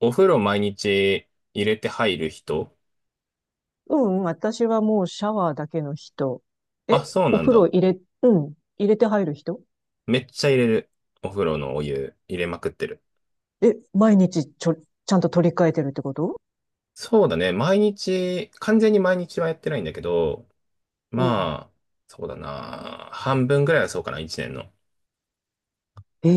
お風呂毎日入れて入る人。うん、私はもうシャワーだけの人。あ、え、そうおなん風呂だ。入れ、うん、入れて入る人？めっちゃ入れる。お風呂のお湯入れまくってる。え、毎日ちゃんと取り替えてるってこと？そうだね。毎日、完全に毎日はやってないんだけど、うん。まあ、そうだな。半分ぐらいはそうかな、一年の。え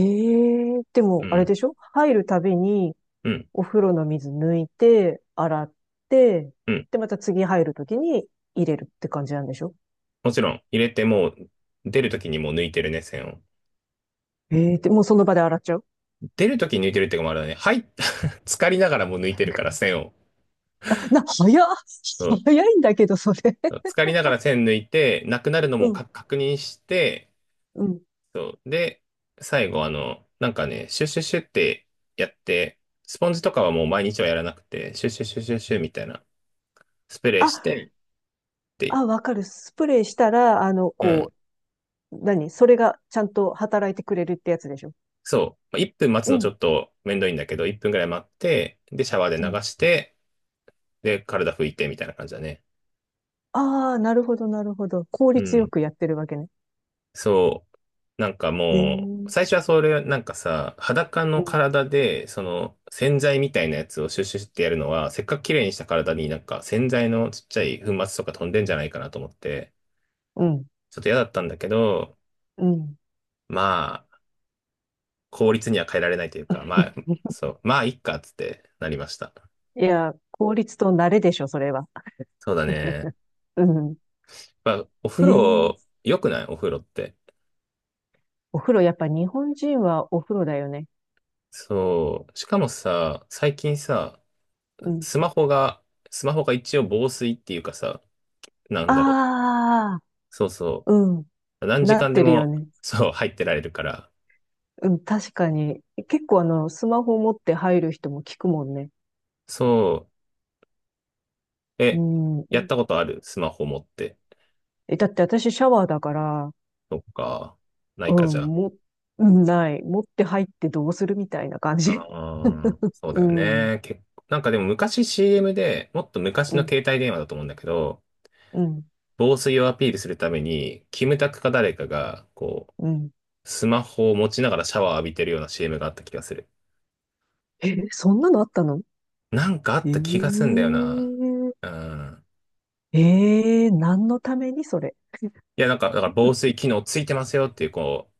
え、でうも、あれん、でしょ？入るたびに、うん、お風呂の水抜いて、洗って、うん。で、また次入るときに入れるって感じなんでしょ？もちろん、入れてもう、出るときにもう抜いてるね、線を。ええ、で、もうその場で洗っちゃう？出るときに抜いてるっていうかもあれだね。はい、浸かりながらもう抜いてるから、線を。あ、早っ。そ早いんだけど、それ。うん。浸かりながら線抜いて、なくなるのもうん、か確認して、うん。そう。で、最後、なんかね、シュッシュッシュッってやって、スポンジとかはもう毎日はやらなくて、シュッシュッシュッシュッシュッみたいな、スプレーしあ、て、って、あ、わかる。スプレーしたら、うん。それがちゃんと働いてくれるってやつでしょ？そう。まあ1分待つうのちん、ょっとめんどいんだけど、1分ぐらい待って、で、シャワーで流うん。して、で、体拭いてみたいな感じだね。ああ、なるほど、なるほど。効う率よん。くやってるわけね。そう。なんかへえ。うもう、ん、最初はそれ、なんかさ、裸の体で、その、洗剤みたいなやつをシュッシュッシュってやるのは、せっかく綺麗にした体になんか洗剤のちっちゃい粉末とか飛んでんじゃないかなと思って、うん、ちょっと嫌だったんだけど、うん。まあ、効率には変えられないというか、まあ、そう、まあ、いっか、つってなりました。いや、効率と慣れでしょ、それは。そうだね。うん。まあ、おえ風呂、え、良くないお風呂って。お風呂、やっぱ日本人はお風呂だよね。そう。しかもさ、最近さ、うん。スマホが、スマホが一応防水っていうかさ、なんだろう。ああ、そうそうん。う。何な時っ間でてるよも、ね。そう、入ってられるから。うん、確かに。結構、スマホ持って入る人も聞くもんね。そう。うえ、やったん。ことあるスマホ持って。だって私シャワーだから、そっか。なういん、かじゃも、うん、ない。持って入ってどうするみたいな感あ。じ。ああ、そううだよん、ね。結構、なんかでも昔 CM で、もっと昔うのん、携帯電話だと思うんだけど、うん、防水をアピールするために、キムタクか誰かが、こうん。う、スマホを持ちながらシャワー浴びてるような CM があった気がする。え、そんなのあったの？なんかあえった気がすんだよな。ー、うん。何のためにそれ？いや、なんか、だから防水機能ついてますよっていう、こう、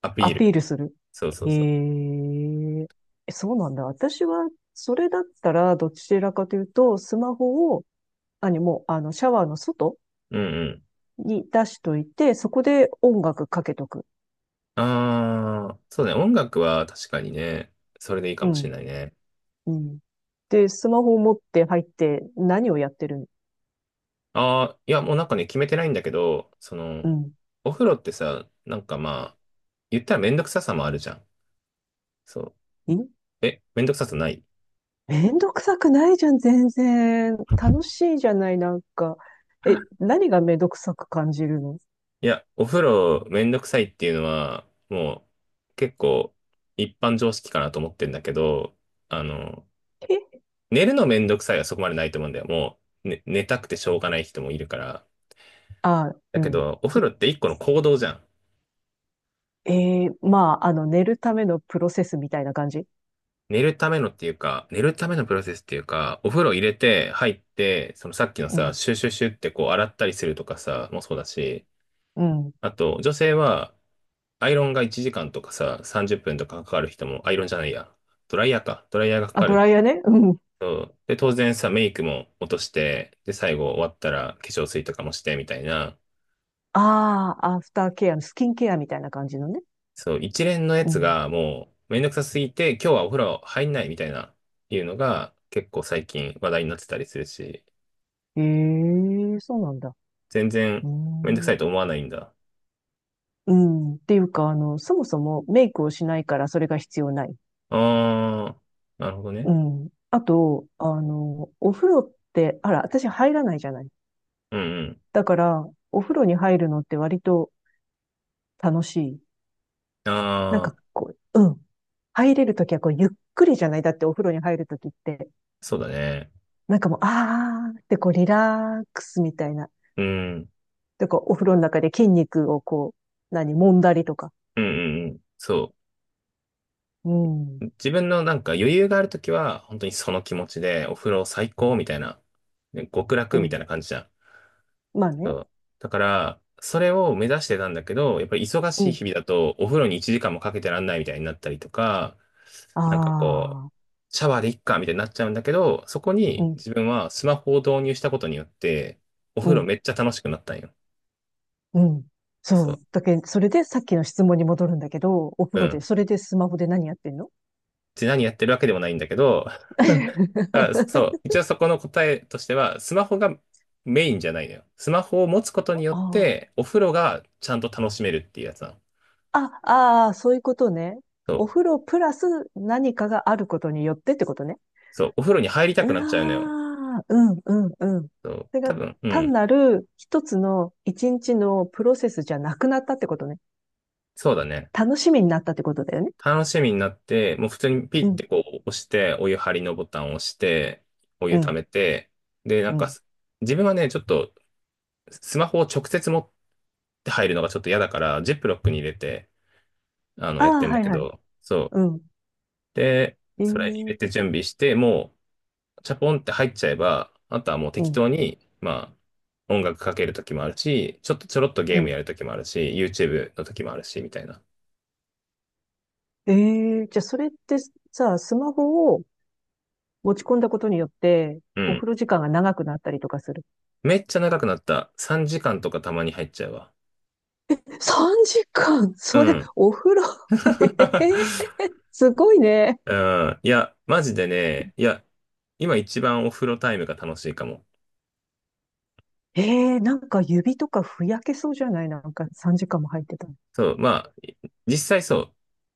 アピアーピール。ルする。そうそえうそー、そうなんだ。私は、それだったら、どちらかというと、スマホを、何もう、あの、シャワーの外う。うんうん。に出しといて、そこで音楽かけとく。ああ、そうね。音楽は確かにね、それでいいかうもしれん。ないね。うん。で、スマホを持って入って何をやってるん？ああ、いや、もうなんかね、決めてないんだけど、そうの、ん。お風呂ってさ、なんかまあ、言ったらめんどくささもあるじゃん。そいう。え、めんどくささない。めんどくさくないじゃん、全然。楽しいじゃない、なんか。え、何がめんどくさく感じるの？いや、お風呂めんどくさいっていうのは、もう結構一般常識かなと思ってんだけど、あの、え、寝るのめんどくさいはそこまでないと思うんだよ。もう、ね、寝たくてしょうがない人もいるから。あ、だうけん。ど、お風呂って一個の行動じゃん。えまあ、寝るためのプロセスみたいな感じ？寝るためのっていうか、寝るためのプロセスっていうか、お風呂入れて、入って、そのさっきのうさ、ん。シュシュシュってこう洗ったりするとかさ、もそうだし、うん。あと、女性は、アイロンが1時間とかさ、30分とかかかる人も、アイロンじゃないや、ドライヤーか、ドライヤーがかあ、かドるライヤーね。うん。と、で、当然さ、メイクも落として、で、最後終わったら化粧水とかもして、みたいな、ああ、アフターケアのスキンケアみたいな感じのね。そう、一連のやうつん。がもう、めんどくさすぎて、今日はお風呂入んないみたいな、いうのが、結構最近話題になってたりするし、ええ、そうなんだ。全う然ーめんどくさいん。と思わないんだ。うん。っていうか、そもそもメイクをしないからそれが必要ない。ああ、なるほどね。うん。あと、お風呂って、あら、私入らないじゃない。うんうん。だから、お風呂に入るのって割と楽しい。ああ、うん。入れるときはこう、ゆっくりじゃない。だってお風呂に入るときって、そうだね。なんかもう、あーってこう、リラックスみたいな。うん。うんで、こう、お風呂の中で筋肉をこう、揉んだりとか。うんうん。そうん。う。自分のなんか余裕があるときは、本当にその気持ちで、お風呂最高みたいな、ね極う楽みたん。いな感じじゃん。まあそね。う。だから、それを目指してたんだけど、やっぱり忙うしいん。日々だと、お風呂に1時間もかけてらんないみたいになったりとか、なんかこう、あー。シャワーでいっかみたいになっちゃうんだけど、そこうにん。自分はスマホを導入したことによって、おう風呂んめっちゃ楽しくなったんよ。うん。そそう。う。だけど、それでさっきの質問に戻るんだけど、おう風呂で、ん。それでスマホで何やってんの？ で、何やってるわけでもないんだけど、あ、そう。一応そこの答えとしては、スマホがメインじゃないのよ。スマホを持つことによっあて、お風呂がちゃんと楽しめるっていうやつなの。あ、あああ、そういうことね。そおう。風呂プラス何かがあることによってってことね。そう。お風呂に入りあたくなっちゃうのよ。あ、うん、うん、うん。そそう、れが多分、う単ん。なる一つの一日のプロセスじゃなくなったってことね。そうだね。楽しみになったってことだよね。楽しみになって、もう普通にピうッん、てこう押して、お湯張りのボタンを押して、おう湯溜ん、めて、で、なんうかん。自分はね、ちょっと、スマホを直接持って入るのがちょっと嫌だから、ジップロックに入れて、あやっあ、てんだはいけはい。ど、そう。うん。で、それ入れてええ、準備して、もう、チャポンって入っちゃえば、あとはもうう適ん、当に、まあ、音楽かけるときもあるし、ちょっとちょろっとうゲームやん。るときもあるし、YouTube のときもあるし、みたいな。ええ、じゃあそれってさ、スマホを持ち込んだことによって、うおん。風呂時間が長くなったりとかする？めっちゃ長くなった。3時間とかたまに入っちゃうわ。3時間？うそれ、ん。お風呂？ ええ、 すごいね。うん。いや、マジでね、いや、今一番お風呂タイムが楽しいかも。ええ、なんか指とかふやけそうじゃない？なんか3時間も入ってたら。そう、まあ、実際そう。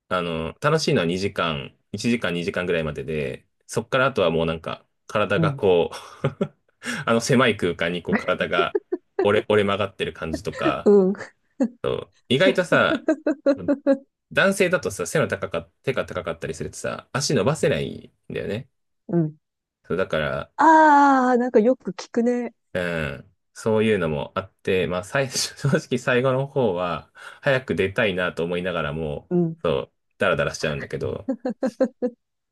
楽しいのは2時間、1時間2時間ぐらいまでで、そっからあとはもうなんか、体うがん。こう あの狭い空間にこう体が折れ曲がってる感じとか、うん。意外とさ、男性だとさ、背の高か、手が高かったりするとさ、足伸ばせないんだよね。うん。そう、だから、ああ、なんかよく聞くね。うん、そういうのもあって、まあ、最初、正直最後の方は、早く出たいなと思いながらも、うん。そう、ダラダラしちゃうんだけど、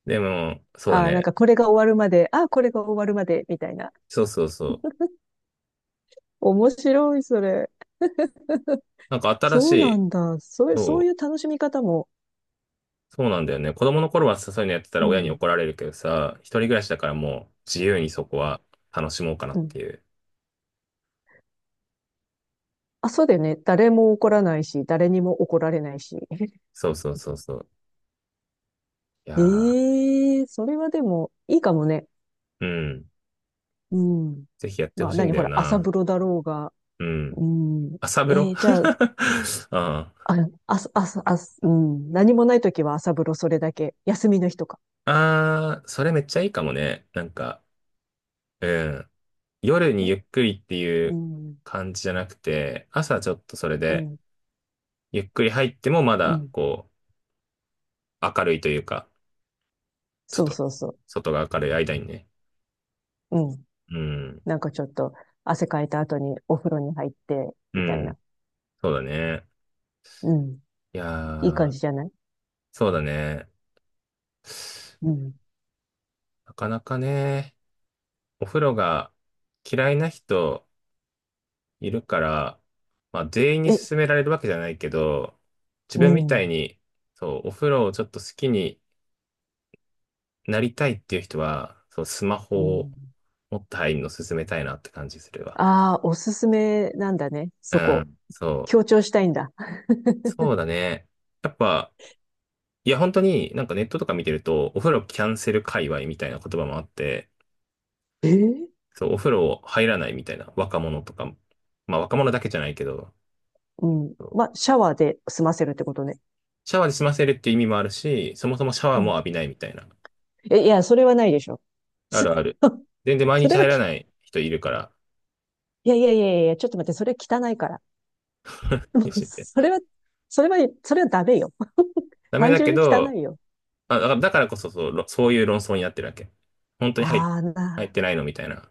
でも、そうだああ、なんね。かこれが終わるまで、ああ、これが終わるまで、みたいな。そうそうそう。面白い、それ。なんか新しそうない、んだ。そういう、そうそう、いう楽しみ方も。そうなんだよね。子供の頃はさそういうのやってたうら親にん。怒られるけどさ、一人暮らしだからもう自由にそこは楽しもうかなうってん、いう。あ、そうだよね。誰も怒らないし、誰にも怒られないし。そうそうそうそう。いやええー、それはでも、いいかもね。ー、うん。うん。ぜひやってほまあ、しいんだほよら、朝な。風呂だろうが。ううん。ん。朝風呂 じゃあ、ああ。あ、あ、あ、あ、うん。何もないときは朝風呂それだけ。休みの日とか。あー、それめっちゃいいかもね。なんか、うん。夜にね。ゆっくりっていううん。感じじゃなくて、朝ちょっとそれうで、ん。ゆっくり入ってもまうだ、ん。こう、明るいというか、ちょっそうと、そうそ外が明るい間にね。う。うん。うん。なんかちょっと、汗かいた後にお風呂に入って、うみたいな。ん。そうだね。うん。いやいい感ー、じじゃない？そうだね。うん。なかなかね、お風呂が嫌いな人、いるから、まあ、全員にえ、勧められるわけじゃないけど、自う分みたいん。に、そう、お風呂をちょっと好きになりたいっていう人は、そう、スマうホをん。持って入るの勧めたいなって感じするわ。ああ、おすすめなんだね。うそこ。ん、そ強う。調したいんだ。そうだね。やっぱ、いや、本当になんかネットとか見てると、お風呂キャンセル界隈みたいな言葉もあって、えーそう、お風呂入らないみたいな若者とかも、まあ若者だけじゃないけど、うん。そうまあ、シャワーで済ませるってことね。シャワーで済ませるっていう意味もあるし、そもそもシャワうーもん。浴びないみたいな。え、いや、それはないでしょ。あそ るある。全 然毎そ日れは入らき、ない人いるから、いやいやいやいや、ちょっと待って、それ汚いから。妊 娠って。それは、それは、それはダメよ。ダメ単だ純けに汚ど、いよ。あ、だからこそそう、そういう論争になってるわけ。本当にああ、入ってないのみたいな。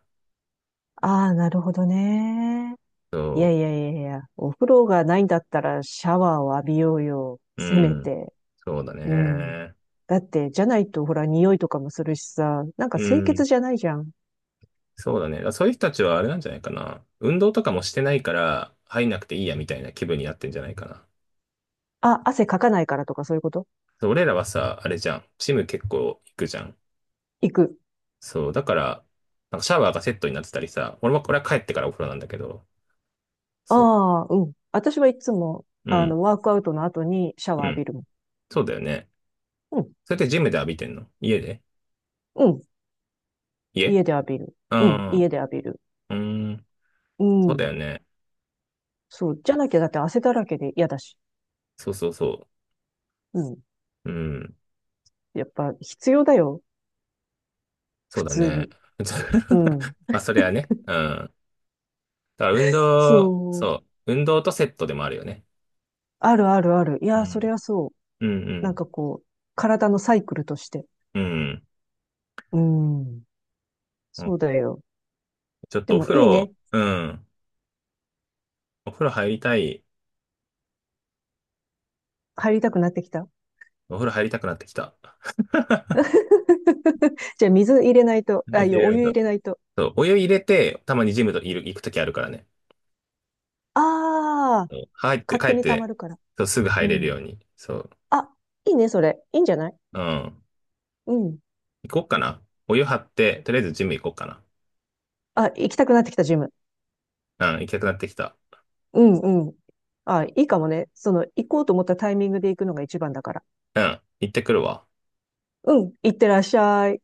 ああ、なるほどね。いそやいやいやいや、お風呂がないんだったらシャワーを浴びようよ。う。うせめん。て。そうだうん。ね。だって、じゃないとほら、匂いとかもするしさ、なんかう清潔ん。じゃないじゃん。そうだね。だからそういう人たちはあれなんじゃないかな。運動とかもしてないから、入んなくていいやみたいな気分になってんじゃないかな。あ、汗かかないからとかそういうこと？そう俺らはさ、あれじゃん。ジム結構行くじゃん。行く。そう。だから、なんかシャワーがセットになってたりさ、俺は帰ってからお風呂なんだけど、そう。ああ、うん。私はいつも、うん。ワークアウトの後にシャワうー浴んびるもん。そうだよね。うん、それってジムで浴びてんの家でうん。家家で浴びる。ううん、ん。家で浴びる。うん。うそうだよん。ね。そう。じゃなきゃだって汗だらけで嫌だし。そうそうそうん。う。うん。やっぱ必要だよ。そ普うだ通ね。に。うん。まあ、それはね。うん。だから運動、そう。そう。運動とセットでもあるよね。あるあるある。いうや、それん。はそう。うんうなんん。かこう、体のサイクルとして。うん。うん。そうだよ。ちょっでとおもい風い呂、ね。うん。お風呂入りたい。入りたくなってきた。お風呂入りたくなってきた。じゃあ水入れないと、あ、水い入や、れらおれ湯た。入れないと。そう。お湯入れて、たまにジムといる、行くときあるからね。ああ、そう入って、勝帰手っに溜まて、るから。そう、すぐう入れるん。ように。そう。あ、いいね、それ。いいんじゃない？うん。うん。行こうかな。お湯張って、とりあえずジム行こうかあ、行きたくなってきた、ジム。な。うん、行きたくなってきた。うんうん。あ、いいかもね。行こうと思ったタイミングで行くのが一番だから。うん、行ってくるわ。うん。行ってらっしゃい。